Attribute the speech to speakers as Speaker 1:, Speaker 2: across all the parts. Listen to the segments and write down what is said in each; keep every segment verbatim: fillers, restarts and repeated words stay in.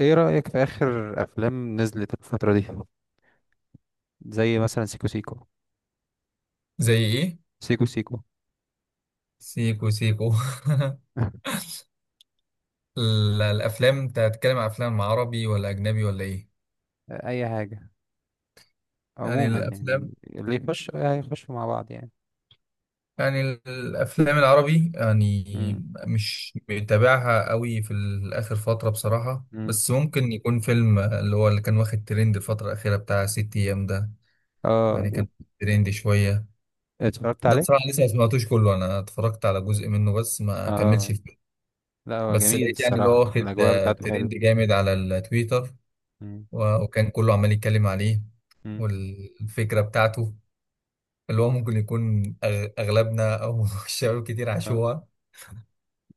Speaker 1: ايه رأيك في آخر أفلام نزلت الفترة دي؟ زي مثلا سيكو سيكو.
Speaker 2: زي ايه؟
Speaker 1: سيكو سيكو.
Speaker 2: سيكو سيكو. ال- الافلام، انت هتتكلم عن افلام عربي ولا اجنبي ولا ايه؟
Speaker 1: أي حاجة.
Speaker 2: يعني
Speaker 1: عموما
Speaker 2: الافلام،
Speaker 1: يعني اللي يخش هيخشوا مع بعض يعني.
Speaker 2: يعني الافلام العربي، يعني
Speaker 1: امم
Speaker 2: مش متابعها قوي في الاخر فتره بصراحه،
Speaker 1: امم
Speaker 2: بس ممكن يكون فيلم اللي هو اللي كان واخد ترند الفتره الاخيره بتاع ست ايام ده. يعني
Speaker 1: اه.
Speaker 2: كان ترند شويه.
Speaker 1: اتفرجت
Speaker 2: ده
Speaker 1: عليه.
Speaker 2: بصراحه لسه ما سمعتوش كله، انا اتفرجت على جزء منه بس، ما كملش
Speaker 1: اه.
Speaker 2: الفيلم.
Speaker 1: لا، هو
Speaker 2: بس
Speaker 1: جميل
Speaker 2: لقيت يعني اللي هو
Speaker 1: الصراحة.
Speaker 2: واخد
Speaker 1: الأجواء
Speaker 2: آه،
Speaker 1: بتاعته
Speaker 2: ترند
Speaker 1: حلوة.
Speaker 2: جامد على التويتر،
Speaker 1: امم
Speaker 2: و- وكان كله عمال يتكلم عليه.
Speaker 1: امم
Speaker 2: والفكرة بتاعته اللي هو ممكن يكون أغ- أغلبنا أو الشباب كتير
Speaker 1: آه.
Speaker 2: عاشوها،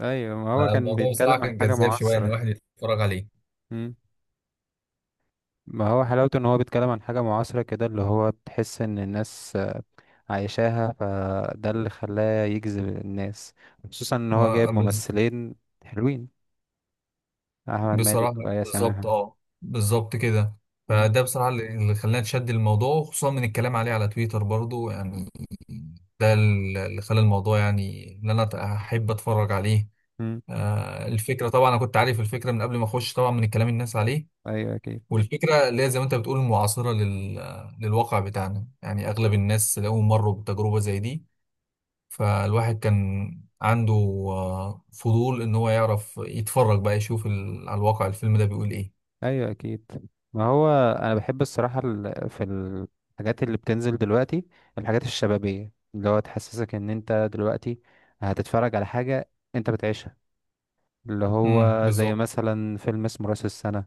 Speaker 1: أيوة. ما هو كان
Speaker 2: فالموضوع بصراحة
Speaker 1: بيتكلم عن
Speaker 2: كان
Speaker 1: حاجة
Speaker 2: جذاب شوية إن
Speaker 1: معاصرة.
Speaker 2: الواحد يتفرج عليه.
Speaker 1: امم ما هو حلاوته إن هو بيتكلم عن حاجة معاصرة كده، اللي هو بتحس إن الناس عايشاها، فده اللي خلاه يجذب الناس، خصوصا ان هو
Speaker 2: ما-
Speaker 1: جايب
Speaker 2: بز-
Speaker 1: ممثلين حلوين: احمد
Speaker 2: بصراحة،
Speaker 1: مالك وآية
Speaker 2: بالظبط،
Speaker 1: سماحة.
Speaker 2: أه، بالظبط كده.
Speaker 1: مم.
Speaker 2: فده بصراحة اللي اللي خلاني أتشد الموضوع، خصوصا من الكلام عليه على تويتر برضو يعني. ده اللي خلى الموضوع يعني إن أنا أحب أتفرج عليه.
Speaker 1: مم.
Speaker 2: آه، الفكرة طبعا أنا كنت عارف الفكرة من قبل ما أخش، طبعا من الكلام الناس عليه.
Speaker 1: ايوه اكيد.
Speaker 2: والفكرة اللي هي زي ما انت بتقول، معاصرة لل... للواقع بتاعنا، يعني اغلب الناس لقوا مروا بتجربة زي دي. فالواحد كان عنده آه، فضول ان هو يعرف، يتفرج بقى يشوف ال... على الواقع الفيلم ده بيقول ايه.
Speaker 1: ايوه اكيد. ما هو انا بحب الصراحة ال- في الحاجات اللي بتنزل دلوقتي. الحاجات الشبابية اللي هو تحسسك ان انت دلوقتي هتتفرج على حاجة انت بتعيشها، اللي
Speaker 2: امم،
Speaker 1: هو زي
Speaker 2: بالظبط.
Speaker 1: مثلا فيلم اسمه راس السنة.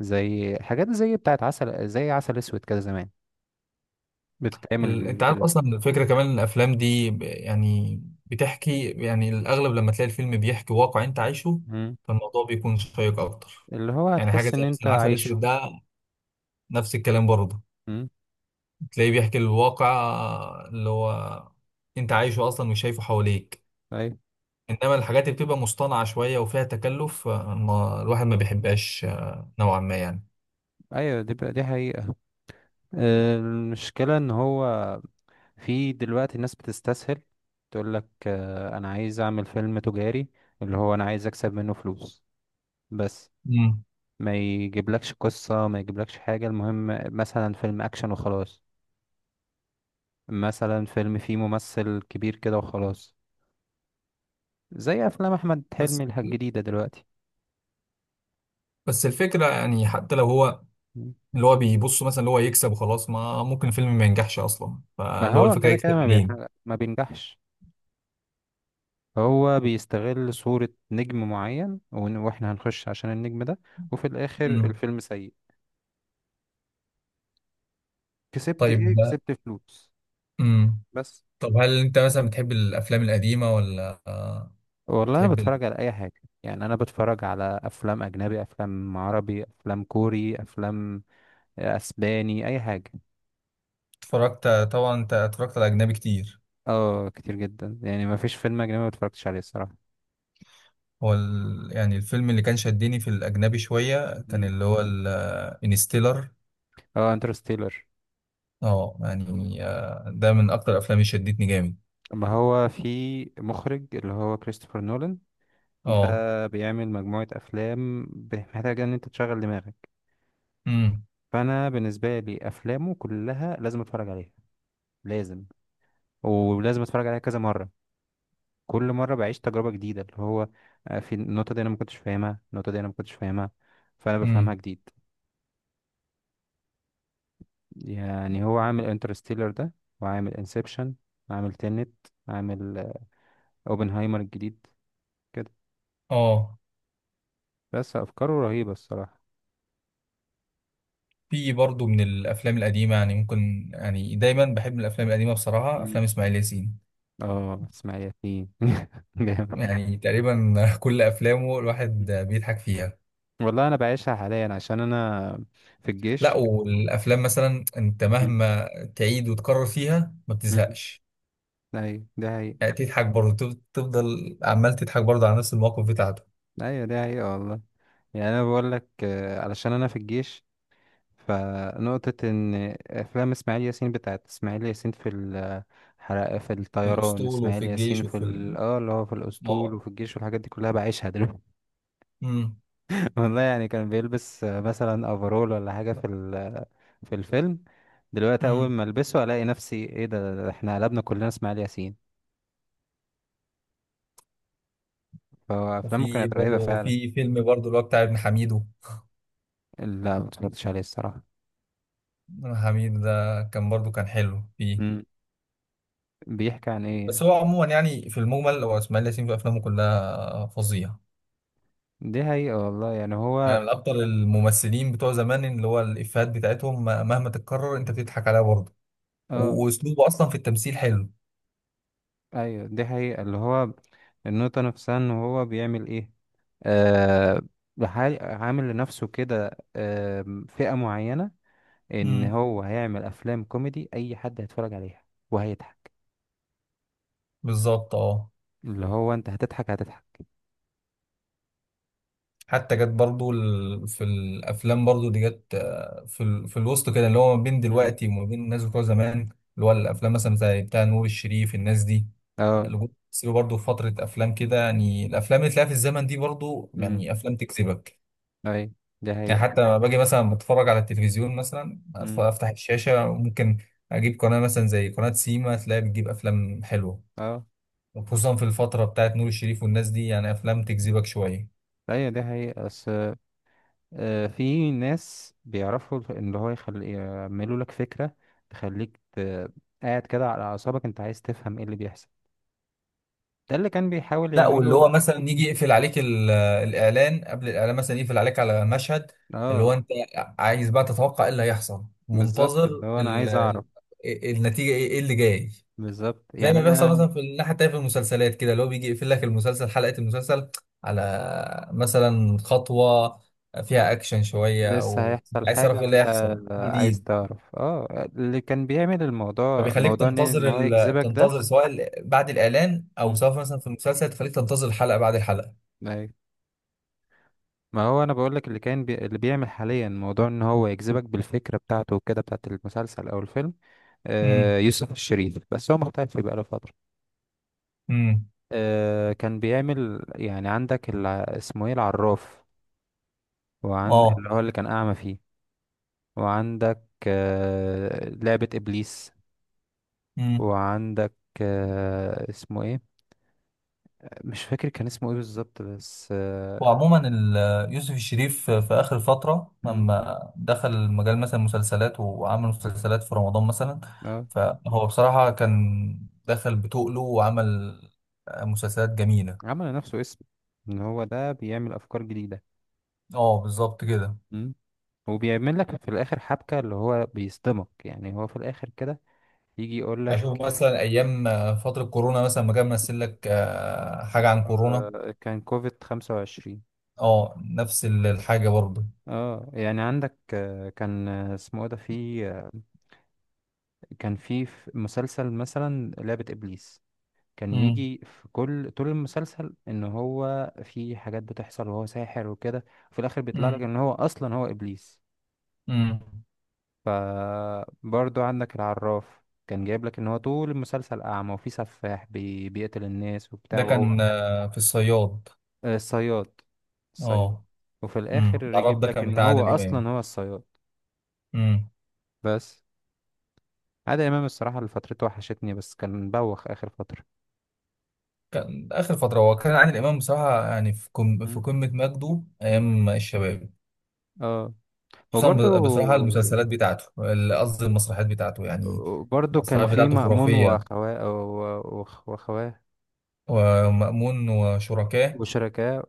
Speaker 1: زي حاجات زي بتاعت عسل، زي عسل اسود كده زمان، بتتعمل
Speaker 2: ال... انت عارف اصلا الفكرة، كمان إن الافلام دي ب... يعني بتحكي، يعني الاغلب لما تلاقي الفيلم بيحكي واقع انت عايشه،
Speaker 1: دلوقتي،
Speaker 2: فالموضوع بيكون شيق اكتر.
Speaker 1: اللي هو
Speaker 2: يعني حاجة
Speaker 1: هتحس ان
Speaker 2: زي
Speaker 1: انت
Speaker 2: مثلا عسل
Speaker 1: عايشه.
Speaker 2: اسود ده، نفس الكلام برضه،
Speaker 1: امم
Speaker 2: تلاقيه بيحكي الواقع اللي هو انت عايشه اصلا، مش شايفه حواليك.
Speaker 1: ايوه.
Speaker 2: انما الحاجات اللي بتبقى مصطنعه شويه وفيها تكلف، آه، ما الواحد ما بيحبهاش، آه، نوعا ما يعني.
Speaker 1: ايوه دي بقى دي حقيقة. آه، المشكلة ان هو في دلوقتي الناس بتستسهل تقول لك: انا عايز اعمل فيلم تجاري، اللي هو انا عايز اكسب منه فلوس بس.
Speaker 2: مم.
Speaker 1: ما يجيبلكش قصة، ما يجيبلكش حاجة، المهم مثلا فيلم اكشن وخلاص، مثلا فيلم فيه ممثل كبير كده وخلاص، زي افلام احمد
Speaker 2: بس
Speaker 1: حلمي الجديدة دلوقتي.
Speaker 2: بس الفكره، يعني حتى لو هو
Speaker 1: مم.
Speaker 2: اللي هو بيبص مثلا اللي هو يكسب وخلاص، ما ممكن الفيلم ما ينجحش اصلا،
Speaker 1: ما
Speaker 2: فاللي هو
Speaker 1: هو
Speaker 2: الفكره
Speaker 1: كده كده
Speaker 2: يكسب
Speaker 1: ما
Speaker 2: منين؟
Speaker 1: بينحقق، ما بينجحش. هو بيستغل صورة نجم معين، ون- واحنا هنخش عشان النجم ده. وفي الاخر
Speaker 2: مم.
Speaker 1: الفيلم سيء. كسبت ايه؟
Speaker 2: طيب.
Speaker 1: كسبت فلوس
Speaker 2: امم.
Speaker 1: بس.
Speaker 2: طب هل انت مثلا بتحب الافلام القديمه ولا آه،
Speaker 1: والله انا
Speaker 2: بتحب ال-
Speaker 1: بتفرج على اي حاجة. يعني انا بتفرج على افلام اجنبي، افلام عربي، افلام كوري، افلام اسباني، اي حاجة.
Speaker 2: اتفرجت طبعا، انت اتفرجت على اجنبي كتير.
Speaker 1: اه، كتير جدا. يعني ما فيش فيلم اجنبي ما اتفرجتش عليه الصراحة.
Speaker 2: هو ال... يعني الفيلم اللي كان شدني في الأجنبي شوية كان
Speaker 1: مم.
Speaker 2: اللي هو الانستيلر.
Speaker 1: اه، انترستيلر.
Speaker 2: اه، يعني آه، ده من أكتر الأفلام اللي شدتني جامد.
Speaker 1: ما هو في مخرج اللي هو كريستوفر نولان.
Speaker 2: اه.
Speaker 1: ده بيعمل مجموعة أفلام محتاجة إن أنت تشغل دماغك.
Speaker 2: امم.
Speaker 1: فانا بالنسبه لي افلامه كلها لازم اتفرج عليها، لازم. ولازم اتفرج عليها كذا مره. كل مره بعيش تجربه جديده، اللي هو آه، في النقطه دي انا ما كنتش فاهمها، النقطه دي انا ما كنتش فاهمها، فانا بفهمها
Speaker 2: امم.
Speaker 1: جديد. يعني هو عامل انترستيلر ده، وعامل انسبشن، عامل تينت، عامل آه، اوبنهايمر الجديد كده.
Speaker 2: اه،
Speaker 1: بس افكاره رهيبه الصراحه.
Speaker 2: في برضه من الأفلام القديمة، يعني ممكن، يعني دايما بحب من الأفلام القديمة بصراحة
Speaker 1: مم.
Speaker 2: أفلام إسماعيل ياسين.
Speaker 1: اه، اسماعيل ياسين. جامد.
Speaker 2: يعني تقريبا كل أفلامه الواحد بيضحك فيها.
Speaker 1: والله انا بعيشها حاليا عشان انا في
Speaker 2: لا،
Speaker 1: الجيش.
Speaker 2: والأفلام مثلا أنت
Speaker 1: مم.
Speaker 2: مهما تعيد وتكرر فيها ما
Speaker 1: مم.
Speaker 2: بتزهقش.
Speaker 1: ايوه ده.
Speaker 2: يعني تضحك برضه، تف- تفضل عمال تضحك برضه على نفس المواقف بتاعته.
Speaker 1: ايوه دي حقيقة والله. يعني انا بقول لك، آه، علشان انا في الجيش، فنقطة ان افلام اسماعيل ياسين، بتاعت اسماعيل ياسين في الحرق، في الطيران،
Speaker 2: الاسطول وفي
Speaker 1: اسماعيل
Speaker 2: الجيش
Speaker 1: ياسين في
Speaker 2: وفي ال...
Speaker 1: ال- اه اللي هو في الاسطول
Speaker 2: اه.
Speaker 1: وفي الجيش والحاجات دي كلها بعيشها دلوقتي.
Speaker 2: امم.
Speaker 1: والله يعني كان بيلبس آه، مثلا افرول ولا حاجة في ال- في الفيلم. دلوقتي اول
Speaker 2: امم.
Speaker 1: ما البسه الاقي نفسي: ايه ده؟ ده احنا قلبنا كلنا اسماعيل ياسين. فافلامه
Speaker 2: وفي
Speaker 1: كانت
Speaker 2: برضه
Speaker 1: رهيبة فعلا.
Speaker 2: وفي فيلم برضه اللي هو بتاع ابن حميدو.
Speaker 1: لا، ما اتفرجتش عليه الصراحة.
Speaker 2: ابن حميد ده كان برضه كان حلو فيه.
Speaker 1: مم. بيحكي عن ايه؟
Speaker 2: بس هو عموما يعني في المجمل، هو اسماعيل ياسين في افلامه كلها فظيع.
Speaker 1: دي حقيقة والله. يعني هو،
Speaker 2: يعني من اكتر الممثلين بتوع زمان اللي هو الافيهات بتاعتهم مهما تتكرر انت بتضحك عليها برضه،
Speaker 1: اه،
Speaker 2: و- واسلوبه اصلا في التمثيل حلو.
Speaker 1: ايوه دي حقيقة. اللي هو النقطة نفسها ان هو بيعمل ايه، آه بحال- عامل لنفسه كده، آه، فئة معينة، ان
Speaker 2: امم،
Speaker 1: هو هيعمل افلام كوميدي اي حد هيتفرج عليها وهيضحك.
Speaker 2: بالظبط، اه.
Speaker 1: اللي هو انت هتضحك هتضحك.
Speaker 2: حتى جت برضو ال- في الافلام برضو دي، جت آه، في ال- في الوسط كده، اللي هو ما بين
Speaker 1: مم.
Speaker 2: دلوقتي وما بين الناس بتوع زمان، اللي هو الافلام مثلا زي بتاع نور الشريف الناس دي،
Speaker 1: اه.
Speaker 2: اللي جم بيمثلوا برضو في فتره افلام كده. يعني الافلام اللي تلاقيها في الزمن دي برضو،
Speaker 1: امم
Speaker 2: يعني افلام تكسبك.
Speaker 1: اي، دي
Speaker 2: يعني حتى
Speaker 1: حقيقة.
Speaker 2: لما باجي مثلا بتفرج على التلفزيون مثلا، أتف-
Speaker 1: مم.
Speaker 2: افتح الشاشه، ممكن اجيب قناه مثلا زي قناه سيما، تلاقي بتجيب افلام حلوه،
Speaker 1: اه،
Speaker 2: وخصوصا في الفتره بتاعت نور الشريف والناس دي، يعني افلام تجذبك شويه.
Speaker 1: ايوه دي حقيقة بس. آه، في ناس بيعرفوا اللي هو يخل... يعملوا لك فكرة تخليك ت... قاعد كده على أعصابك، أنت عايز تفهم إيه اللي بيحصل. ده اللي كان بيحاول
Speaker 2: لا، واللي
Speaker 1: يعمله.
Speaker 2: هو مثلا يجي يقفل عليك ال- آه، الاعلان، قبل الاعلان مثلا يقفل عليك على مشهد، اللي
Speaker 1: اه
Speaker 2: هو انت عايز بقى تتوقع ايه اللي هيحصل،
Speaker 1: بالظبط،
Speaker 2: منتظر
Speaker 1: اللي هو أنا
Speaker 2: ال...
Speaker 1: عايز أعرف
Speaker 2: ال- إيه النتيجه، ايه إيه اللي جاي.
Speaker 1: بالظبط.
Speaker 2: زي
Speaker 1: يعني
Speaker 2: ما بيحصل
Speaker 1: أنا،
Speaker 2: مثلا في الناحيه التانيه في المسلسلات كده، اللي هو بيجي يقفل لك المسلسل، حلقه المسلسل، على مثلا خطوه فيها اكشن شويه،
Speaker 1: لسه
Speaker 2: او
Speaker 1: هيحصل
Speaker 2: عايز
Speaker 1: حاجة
Speaker 2: تعرف ايه اللي
Speaker 1: وأنت
Speaker 2: هيحصل
Speaker 1: عايز
Speaker 2: جديد،
Speaker 1: تعرف اه اللي كان بيعمل الموضوع،
Speaker 2: فبيخليك
Speaker 1: موضوع إن إن
Speaker 2: تنتظر
Speaker 1: هو
Speaker 2: ال...
Speaker 1: يجذبك ده.
Speaker 2: تنتظر، سواء ال- بعد الاعلان، او
Speaker 1: مم.
Speaker 2: سواء مثلا في المسلسل تخليك تنتظر الحلقه بعد الحلقه.
Speaker 1: أيوة، ما هو أنا بقولك، اللي كان بي... اللي بيعمل حاليا، موضوع إن هو يجذبك بالفكرة بتاعته وكده بتاعت المسلسل أو الفيلم. آه، يوسف الشريف. بس هو مختفي بقاله فترة.
Speaker 2: امم.
Speaker 1: آه، كان بيعمل يعني عندك الع... اسمه ايه، العراف، وعن
Speaker 2: اه.
Speaker 1: اللي هو اللي كان أعمى فيه، وعندك آه، لعبة إبليس،
Speaker 2: امم.
Speaker 1: وعندك آه، اسمه ايه؟ مش فاكر كان اسمه ايه بالظبط بس اه.
Speaker 2: وعموما ال- يوسف الشريف في اخر فتره
Speaker 1: مم،
Speaker 2: لما دخل مجال مثلا المسلسلات وعمل مسلسلات في رمضان مثلا،
Speaker 1: آه،
Speaker 2: فهو بصراحه كان دخل بتقله وعمل مسلسلات جميله.
Speaker 1: عمل لنفسه اسم، ان هو ده بيعمل أفكار جديدة.
Speaker 2: اه، بالظبط كده.
Speaker 1: مم. وبيعمل لك في الآخر حبكة، اللي هو بيصدمك يعني هو في الآخر كده، يجي يقول
Speaker 2: اشوف
Speaker 1: لك.
Speaker 2: مثلا ايام فتره كورونا مثلا، ما كان ممثل لك آه، حاجه عن كورونا.
Speaker 1: آه، كان كوفيد خمسة وعشرين.
Speaker 2: اه، نفس ال- الحاجه برضه.
Speaker 1: اه. يعني عندك آه، كان آه، اسمه ايه ده، في آه، كان في في مسلسل مثلا لعبة ابليس. كان
Speaker 2: امم.
Speaker 1: يجي في كل طول المسلسل ان هو في حاجات بتحصل وهو ساحر وكده، وفي الاخر بيطلع لك
Speaker 2: امم.
Speaker 1: ان هو اصلا هو ابليس.
Speaker 2: امم.
Speaker 1: فبرضو عندك العراف كان جايب لك ان هو طول المسلسل اعمى، وفي سفاح بي... بيقتل الناس وبتاع،
Speaker 2: ده
Speaker 1: وهو
Speaker 2: كان آه، في الصياد.
Speaker 1: آه، الصياد. الصياد.
Speaker 2: اه.
Speaker 1: وفي
Speaker 2: امم.
Speaker 1: الاخر
Speaker 2: العراف
Speaker 1: يجيب
Speaker 2: ده
Speaker 1: لك
Speaker 2: كان
Speaker 1: ان
Speaker 2: بتاع
Speaker 1: هو
Speaker 2: عادل
Speaker 1: اصلا
Speaker 2: امام.
Speaker 1: هو الصياد.
Speaker 2: امم.
Speaker 1: بس عادل امام الصراحه اللي فترته وحشتني، بس كان بوخ اخر فتره.
Speaker 2: كان اخر فتره، هو كان عادل امام بصراحه يعني في كم، في
Speaker 1: مم.
Speaker 2: قمه مجده
Speaker 1: مم.
Speaker 2: ايام الشباب.
Speaker 1: اه.
Speaker 2: خصوصا
Speaker 1: وبرضو
Speaker 2: ب- بصراحه المسلسلات بتاعته، ال- قصدي المسرحيات بتاعته يعني.
Speaker 1: برضو كان
Speaker 2: المسرحيات
Speaker 1: في
Speaker 2: بتاعته
Speaker 1: مأمون
Speaker 2: خرافيه.
Speaker 1: وأخواه و- وأخ- وأخواه،
Speaker 2: ومأمون وشركاه.
Speaker 1: وشركاه،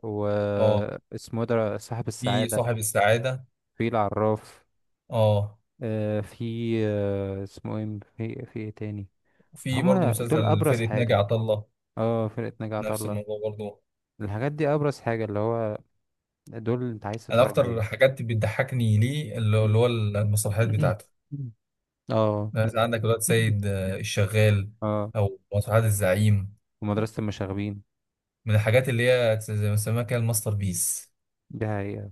Speaker 2: اه،
Speaker 1: واسمه ده صاحب
Speaker 2: في
Speaker 1: السعادة،
Speaker 2: صاحب السعاده.
Speaker 1: في العراف،
Speaker 2: اه.
Speaker 1: آه، في آه، اسمه ايه، في في ايه تاني.
Speaker 2: وفي برضه
Speaker 1: هما دول
Speaker 2: مسلسل
Speaker 1: أبرز
Speaker 2: فرقه ناجي
Speaker 1: حاجة.
Speaker 2: عطا الله.
Speaker 1: اه، فرقة ناجي عطا
Speaker 2: نفس
Speaker 1: الله.
Speaker 2: الموضوع برضه.
Speaker 1: الحاجات دي أبرز حاجة اللي هو دول أنت عايز
Speaker 2: انا
Speaker 1: تتفرج
Speaker 2: اكتر
Speaker 1: عليهم.
Speaker 2: حاجات بتضحكني ليه، اللي هو اللي هو المسرحيات بتاعته.
Speaker 1: مم. اه.
Speaker 2: يعني عندك الواد سيد آه، الشغال،
Speaker 1: اه،
Speaker 2: او مسرحيات الزعيم،
Speaker 1: ومدرسة المشاغبين.
Speaker 2: من الحاجات اللي هي زي ما بيسموها كده الماستر بيس،
Speaker 1: دي حقيقة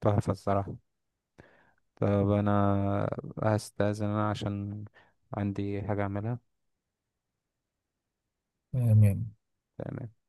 Speaker 1: تحفة الصراحة. طب أنا هستأذن، أنا عشان عندي حاجة أعملها.
Speaker 2: يعني.
Speaker 1: تمام.